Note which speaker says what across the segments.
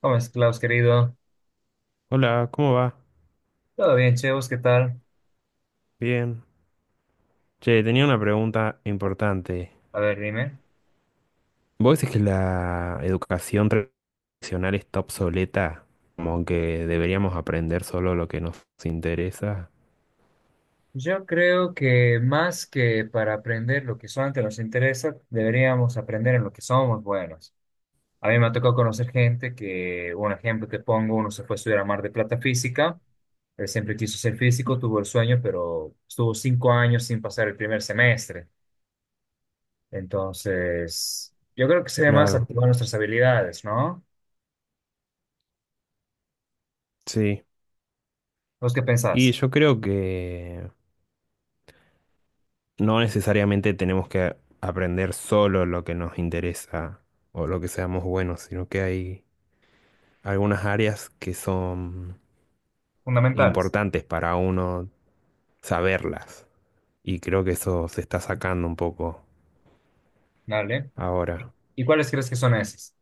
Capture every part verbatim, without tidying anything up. Speaker 1: ¿Cómo estás, Klaus, querido?
Speaker 2: Hola, ¿cómo va?
Speaker 1: Todo bien, Chevos, ¿qué tal?
Speaker 2: Bien. Che, tenía una pregunta importante.
Speaker 1: A ver, dime.
Speaker 2: ¿Vos decís que la educación tradicional está obsoleta? Como que deberíamos aprender solo lo que nos interesa.
Speaker 1: Yo creo que más que para aprender lo que solamente nos interesa, deberíamos aprender en lo que somos buenos. A mí me ha tocado conocer gente que, un ejemplo te pongo, uno se fue a estudiar a Mar de Plata física, él siempre quiso ser físico, tuvo el sueño, pero estuvo cinco años sin pasar el primer semestre. Entonces, yo creo que sería más
Speaker 2: Claro,
Speaker 1: activar nuestras habilidades, ¿no?
Speaker 2: sí.
Speaker 1: ¿Vos qué
Speaker 2: Y
Speaker 1: pensás?
Speaker 2: yo creo que no necesariamente tenemos que aprender solo lo que nos interesa o lo que seamos buenos, sino que hay algunas áreas que son
Speaker 1: Fundamentales.
Speaker 2: importantes para uno saberlas. Y creo que eso se está sacando un poco
Speaker 1: ¿Vale?
Speaker 2: ahora.
Speaker 1: ¿Y cuáles crees que son esas?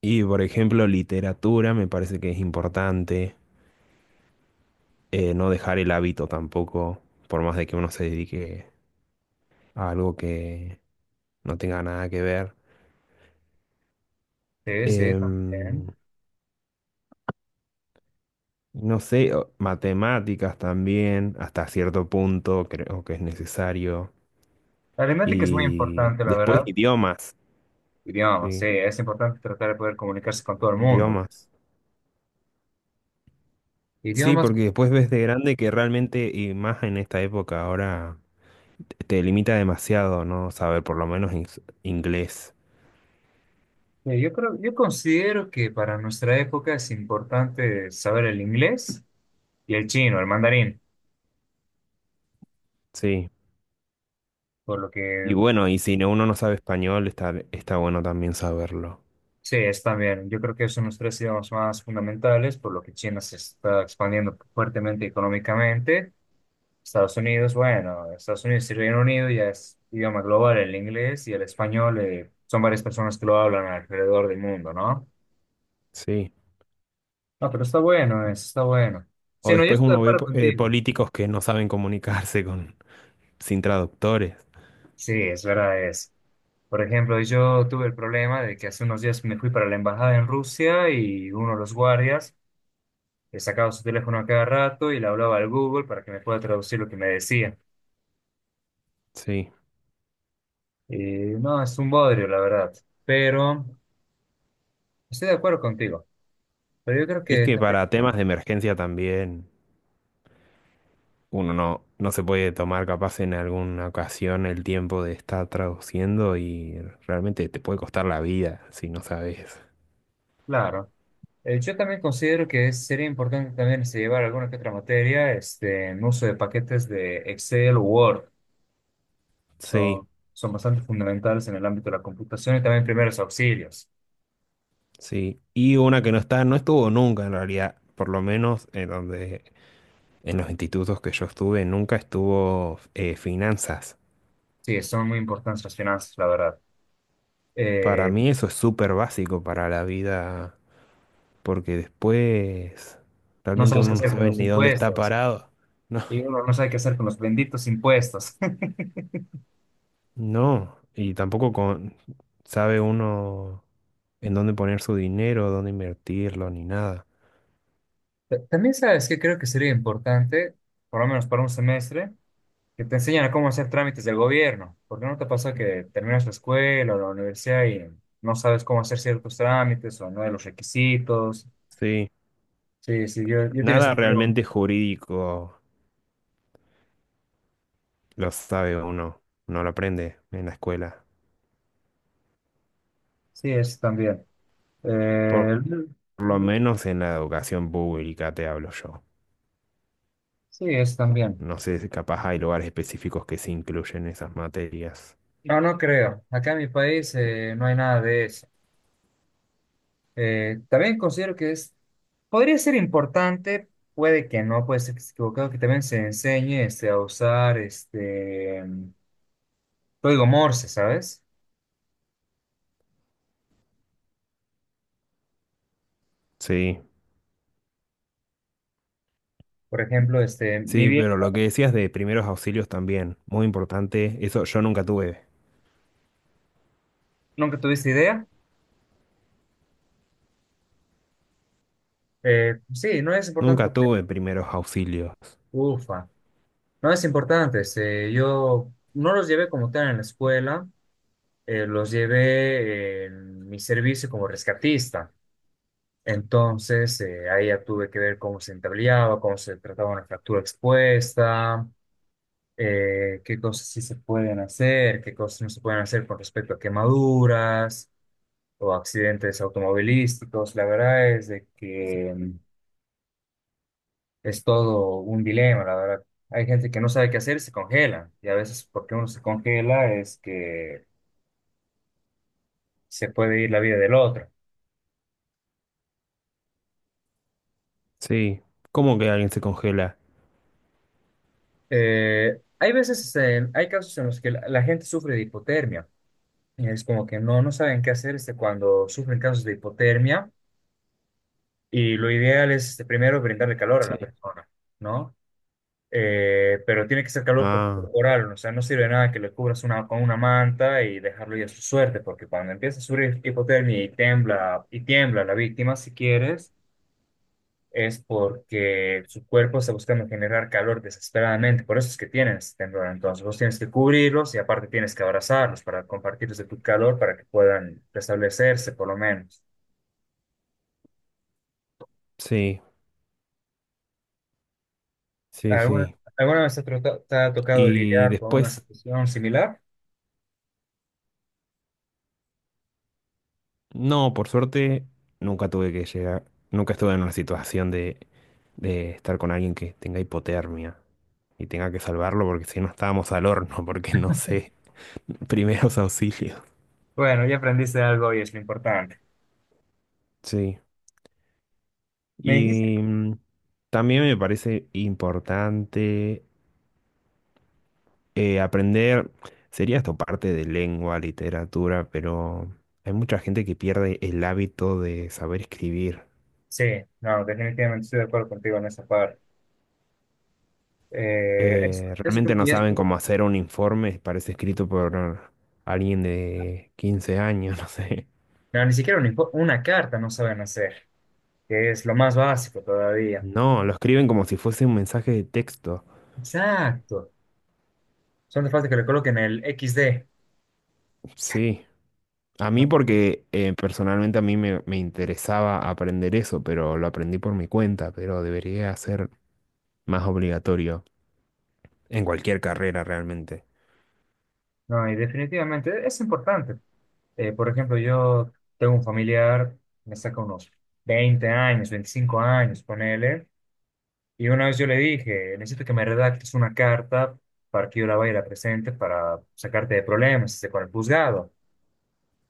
Speaker 2: Y por ejemplo, literatura me parece que es importante. Eh, no dejar el hábito tampoco, por más de que uno se dedique a algo que no tenga nada que ver.
Speaker 1: Sí, sí,
Speaker 2: Em,
Speaker 1: también.
Speaker 2: no sé, o- matemáticas también, hasta cierto punto creo que es necesario.
Speaker 1: La aritmética es muy
Speaker 2: Y
Speaker 1: importante, la
Speaker 2: después
Speaker 1: verdad.
Speaker 2: idiomas,
Speaker 1: Idiomas, sí,
Speaker 2: sí,
Speaker 1: es importante tratar de poder comunicarse con todo el mundo.
Speaker 2: idiomas. Sí,
Speaker 1: Idiomas,
Speaker 2: porque después ves de grande que realmente, y más en esta época ahora te limita demasiado, ¿no? Saber por lo menos ins- inglés.
Speaker 1: eh, yo creo, yo considero que para nuestra época es importante saber el inglés y el chino, el mandarín,
Speaker 2: Sí.
Speaker 1: por lo
Speaker 2: Y
Speaker 1: que
Speaker 2: bueno, y si no- uno no sabe español, está, está bueno también saberlo.
Speaker 1: sí, es también. Yo creo que son los tres idiomas más fundamentales, por lo que China se está expandiendo fuertemente económicamente. Estados Unidos, bueno, Estados Unidos y Reino Unido ya es idioma global, el inglés y el español, eh, son varias personas que lo hablan alrededor del mundo, ¿no?
Speaker 2: Sí.
Speaker 1: No, pero está bueno, eso está bueno. Sí,
Speaker 2: O
Speaker 1: no, yo
Speaker 2: después
Speaker 1: estoy de
Speaker 2: uno ve
Speaker 1: acuerdo
Speaker 2: po- eh,
Speaker 1: contigo.
Speaker 2: políticos que no saben comunicarse con, sin traductores.
Speaker 1: Sí, es verdad es. Por ejemplo, yo tuve el problema de que hace unos días me fui para la embajada en Rusia y uno de los guardias le sacaba su teléfono a cada rato y le hablaba al Google para que me pueda traducir lo que me decía.
Speaker 2: Sí.
Speaker 1: Y no, es un bodrio, la verdad. Pero estoy de acuerdo contigo. Pero yo creo
Speaker 2: Es
Speaker 1: que
Speaker 2: que
Speaker 1: también.
Speaker 2: para temas de emergencia también uno no, no se puede tomar capaz en alguna ocasión el tiempo de estar traduciendo y realmente te puede costar la vida si no sabes.
Speaker 1: Claro. Eh, yo también considero que sería importante también este, llevar alguna que otra materia este, en uso de paquetes de Excel o Word.
Speaker 2: Sí.
Speaker 1: Son, son bastante fundamentales en el ámbito de la computación y también primeros auxilios.
Speaker 2: Sí, y una que no está, no estuvo nunca en realidad, por lo menos en donde, en los institutos que yo estuve, nunca estuvo eh, finanzas.
Speaker 1: Sí, son muy importantes las finanzas, la verdad.
Speaker 2: Para
Speaker 1: Eh,
Speaker 2: mí eso es súper básico para la vida, porque después
Speaker 1: no
Speaker 2: realmente
Speaker 1: sabes qué
Speaker 2: uno no
Speaker 1: hacer con
Speaker 2: sabe
Speaker 1: los
Speaker 2: ni dónde está
Speaker 1: impuestos
Speaker 2: parado. No,
Speaker 1: y uno no sabe qué hacer con los benditos impuestos.
Speaker 2: no, y tampoco con- sabe uno en dónde poner su dinero, dónde invertirlo, ni nada.
Speaker 1: Ta- También sabes que creo que sería importante, por lo menos para un semestre, que te enseñan a cómo hacer trámites del gobierno. Porque no te pasa que terminas la escuela o la universidad y ¿no sabes cómo hacer ciertos trámites o no de los requisitos?
Speaker 2: Sí,
Speaker 1: Sí, sí, yo, yo tengo
Speaker 2: nada
Speaker 1: ese problema.
Speaker 2: realmente jurídico lo sabe uno, no lo aprende en la escuela.
Speaker 1: Sí, es también.
Speaker 2: Por
Speaker 1: Eh,
Speaker 2: lo menos en la educación pública te hablo yo.
Speaker 1: sí, es también.
Speaker 2: No sé si capaz hay lugares específicos que se incluyen esas materias.
Speaker 1: No, no creo. Acá en mi país eh, no hay nada de eso. Eh, también considero que es, podría ser importante, puede que no, puede ser que esté equivocado, que también se enseñe este, a usar este código Morse, ¿sabes?
Speaker 2: Sí,
Speaker 1: Por ejemplo, este, mi
Speaker 2: sí,
Speaker 1: bien,
Speaker 2: pero lo que decías de primeros auxilios también, muy importante, eso yo nunca tuve.
Speaker 1: nunca tuviste idea. Eh, sí, no es importante
Speaker 2: Nunca
Speaker 1: porque,
Speaker 2: tuve primeros auxilios.
Speaker 1: ufa, no es importante. Este, yo no los llevé como tal en la escuela, eh, los llevé en mi servicio como rescatista. Entonces, eh, ahí ya tuve que ver cómo se entablillaba, cómo se trataba una fractura expuesta, eh, qué cosas sí se pueden hacer, qué cosas no se pueden hacer con respecto a quemaduras o accidentes automovilísticos. La verdad es de que es todo un dilema, la verdad. Hay gente que no sabe qué hacer y se congela. Y a veces porque uno se congela es que se puede ir la vida del otro.
Speaker 2: Sí, ¿cómo que alguien se congela?
Speaker 1: Eh, hay veces, eh, hay casos en los que la, la gente sufre de hipotermia. Y es como que no, no saben qué hacer este, cuando sufren casos de hipotermia. Y lo ideal es este, primero brindarle calor a
Speaker 2: Sí.
Speaker 1: la persona, ¿no? eh, pero tiene que ser calor co-
Speaker 2: Ah,
Speaker 1: corporal, o sea, no sirve nada que le cubras una, con una manta y dejarlo ya a su suerte, porque cuando empieza a sufrir hipotermia y tiembla, y tiembla la víctima, si quieres, es porque su cuerpo está buscando generar calor desesperadamente, por eso es que tienes temblor, entonces vos tienes que cubrirlos y aparte tienes que abrazarlos para compartirles de tu calor para que puedan restablecerse por lo menos.
Speaker 2: sí, sí,
Speaker 1: ¿Alguna,
Speaker 2: sí.
Speaker 1: alguna vez te, ha trota- te ha tocado
Speaker 2: Y
Speaker 1: lidiar con una
Speaker 2: después,
Speaker 1: situación similar?
Speaker 2: no, por suerte, nunca tuve que llegar, nunca estuve en una situación de, de estar con alguien que tenga hipotermia, y tenga que salvarlo porque si no estábamos al horno, porque no sé, primeros auxilios.
Speaker 1: Bueno, ya aprendiste algo y es lo importante.
Speaker 2: Sí.
Speaker 1: Me dijiste.
Speaker 2: Y mm, también me parece importante eh, aprender, sería esto parte de lengua, literatura, pero hay mucha gente que pierde el hábito de saber escribir.
Speaker 1: Sí, no, definitivamente estoy de acuerdo contigo en esa parte. Eh, eso,
Speaker 2: Eh,
Speaker 1: eso creo
Speaker 2: realmente
Speaker 1: que
Speaker 2: no
Speaker 1: ya es...
Speaker 2: saben cómo hacer un informe, parece escrito por alguien de quince años, no sé.
Speaker 1: No, ni siquiera un info- una carta no saben hacer, que es lo más básico todavía.
Speaker 2: No, lo escriben como si fuese un mensaje de texto.
Speaker 1: Exacto. Son de falta que le coloquen el equis de.
Speaker 2: Sí. A mí
Speaker 1: No,
Speaker 2: porque eh, personalmente a mí me, me interesaba aprender eso, pero lo aprendí por mi cuenta, pero debería ser más obligatorio en cualquier carrera realmente.
Speaker 1: no, y definitivamente es importante. Eh, por ejemplo, yo tengo un familiar, me saca unos veinte años, veinticinco años, ponele, y una vez yo le dije, necesito que me redactes una carta para que yo la vaya y la presente para sacarte de problemas este, con el juzgado.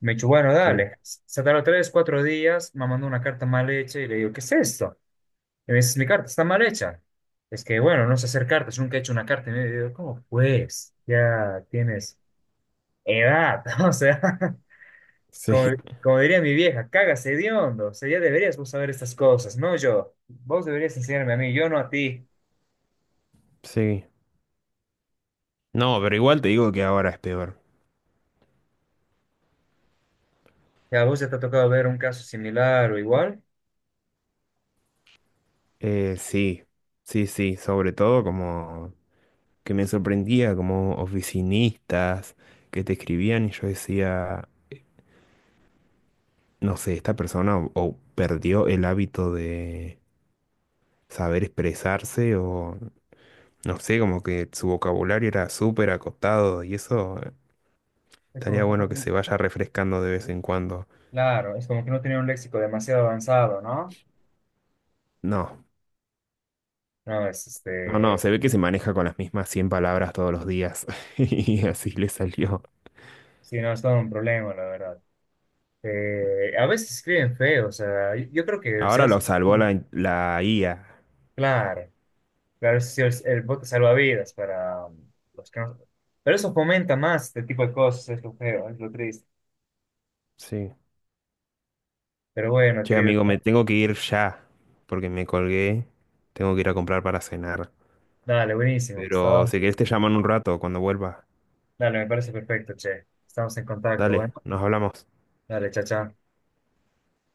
Speaker 1: Me dicho, bueno,
Speaker 2: Sí,
Speaker 1: dale, se tardó tres, cuatro días, me mandó una carta mal hecha y le digo, ¿qué es esto? Y me dice, mi carta está mal hecha. Es que, bueno, no sé hacer cartas, nunca he hecho una carta. Y me digo, ¿cómo pues? Ya tienes edad, o sea, como,
Speaker 2: sí,
Speaker 1: como diría mi vieja, cagas hediondo, o sea, ya deberías vos saber estas cosas, no yo. Vos deberías enseñarme a mí, yo no a ti.
Speaker 2: sí. No, pero igual te digo que ahora es peor.
Speaker 1: Ya, vos ya te ha tocado ver un caso similar o igual.
Speaker 2: Eh, sí, sí, sí, sobre todo como que me sorprendía como oficinistas que te escribían y yo decía, no sé, esta persona o, o perdió el hábito de saber expresarse o no sé, como que su vocabulario era súper acotado y eso eh,
Speaker 1: Es como
Speaker 2: estaría
Speaker 1: que no,
Speaker 2: bueno que
Speaker 1: tiene-
Speaker 2: se vaya refrescando de vez en cuando.
Speaker 1: claro, es como que no tenía un léxico demasiado avanzado, ¿no?
Speaker 2: No,
Speaker 1: No, es
Speaker 2: no, no,
Speaker 1: este.
Speaker 2: se ve que se maneja con las mismas cien palabras todos los días y así le salió.
Speaker 1: Sí, no es todo un problema, la verdad. Eh, a veces escriben feo, o sea, yo, yo creo que si
Speaker 2: Ahora lo
Speaker 1: vas...
Speaker 2: salvó la, in- la I A.
Speaker 1: Claro, claro, si el, el bote salvavidas para um, los que no... Pero eso fomenta más este tipo de cosas, es lo feo, es lo triste.
Speaker 2: Sí.
Speaker 1: Pero bueno,
Speaker 2: Che,
Speaker 1: querido,
Speaker 2: amigo, me tengo que ir ya porque me colgué. Tengo que ir a comprar para cenar.
Speaker 1: dale, buenísimo,
Speaker 2: Pero
Speaker 1: estaba...
Speaker 2: si querés te llamo en un rato cuando vuelva.
Speaker 1: Dale, me parece perfecto, che. Estamos en contacto,
Speaker 2: Dale,
Speaker 1: bueno.
Speaker 2: nos hablamos.
Speaker 1: Dale, chao, chao.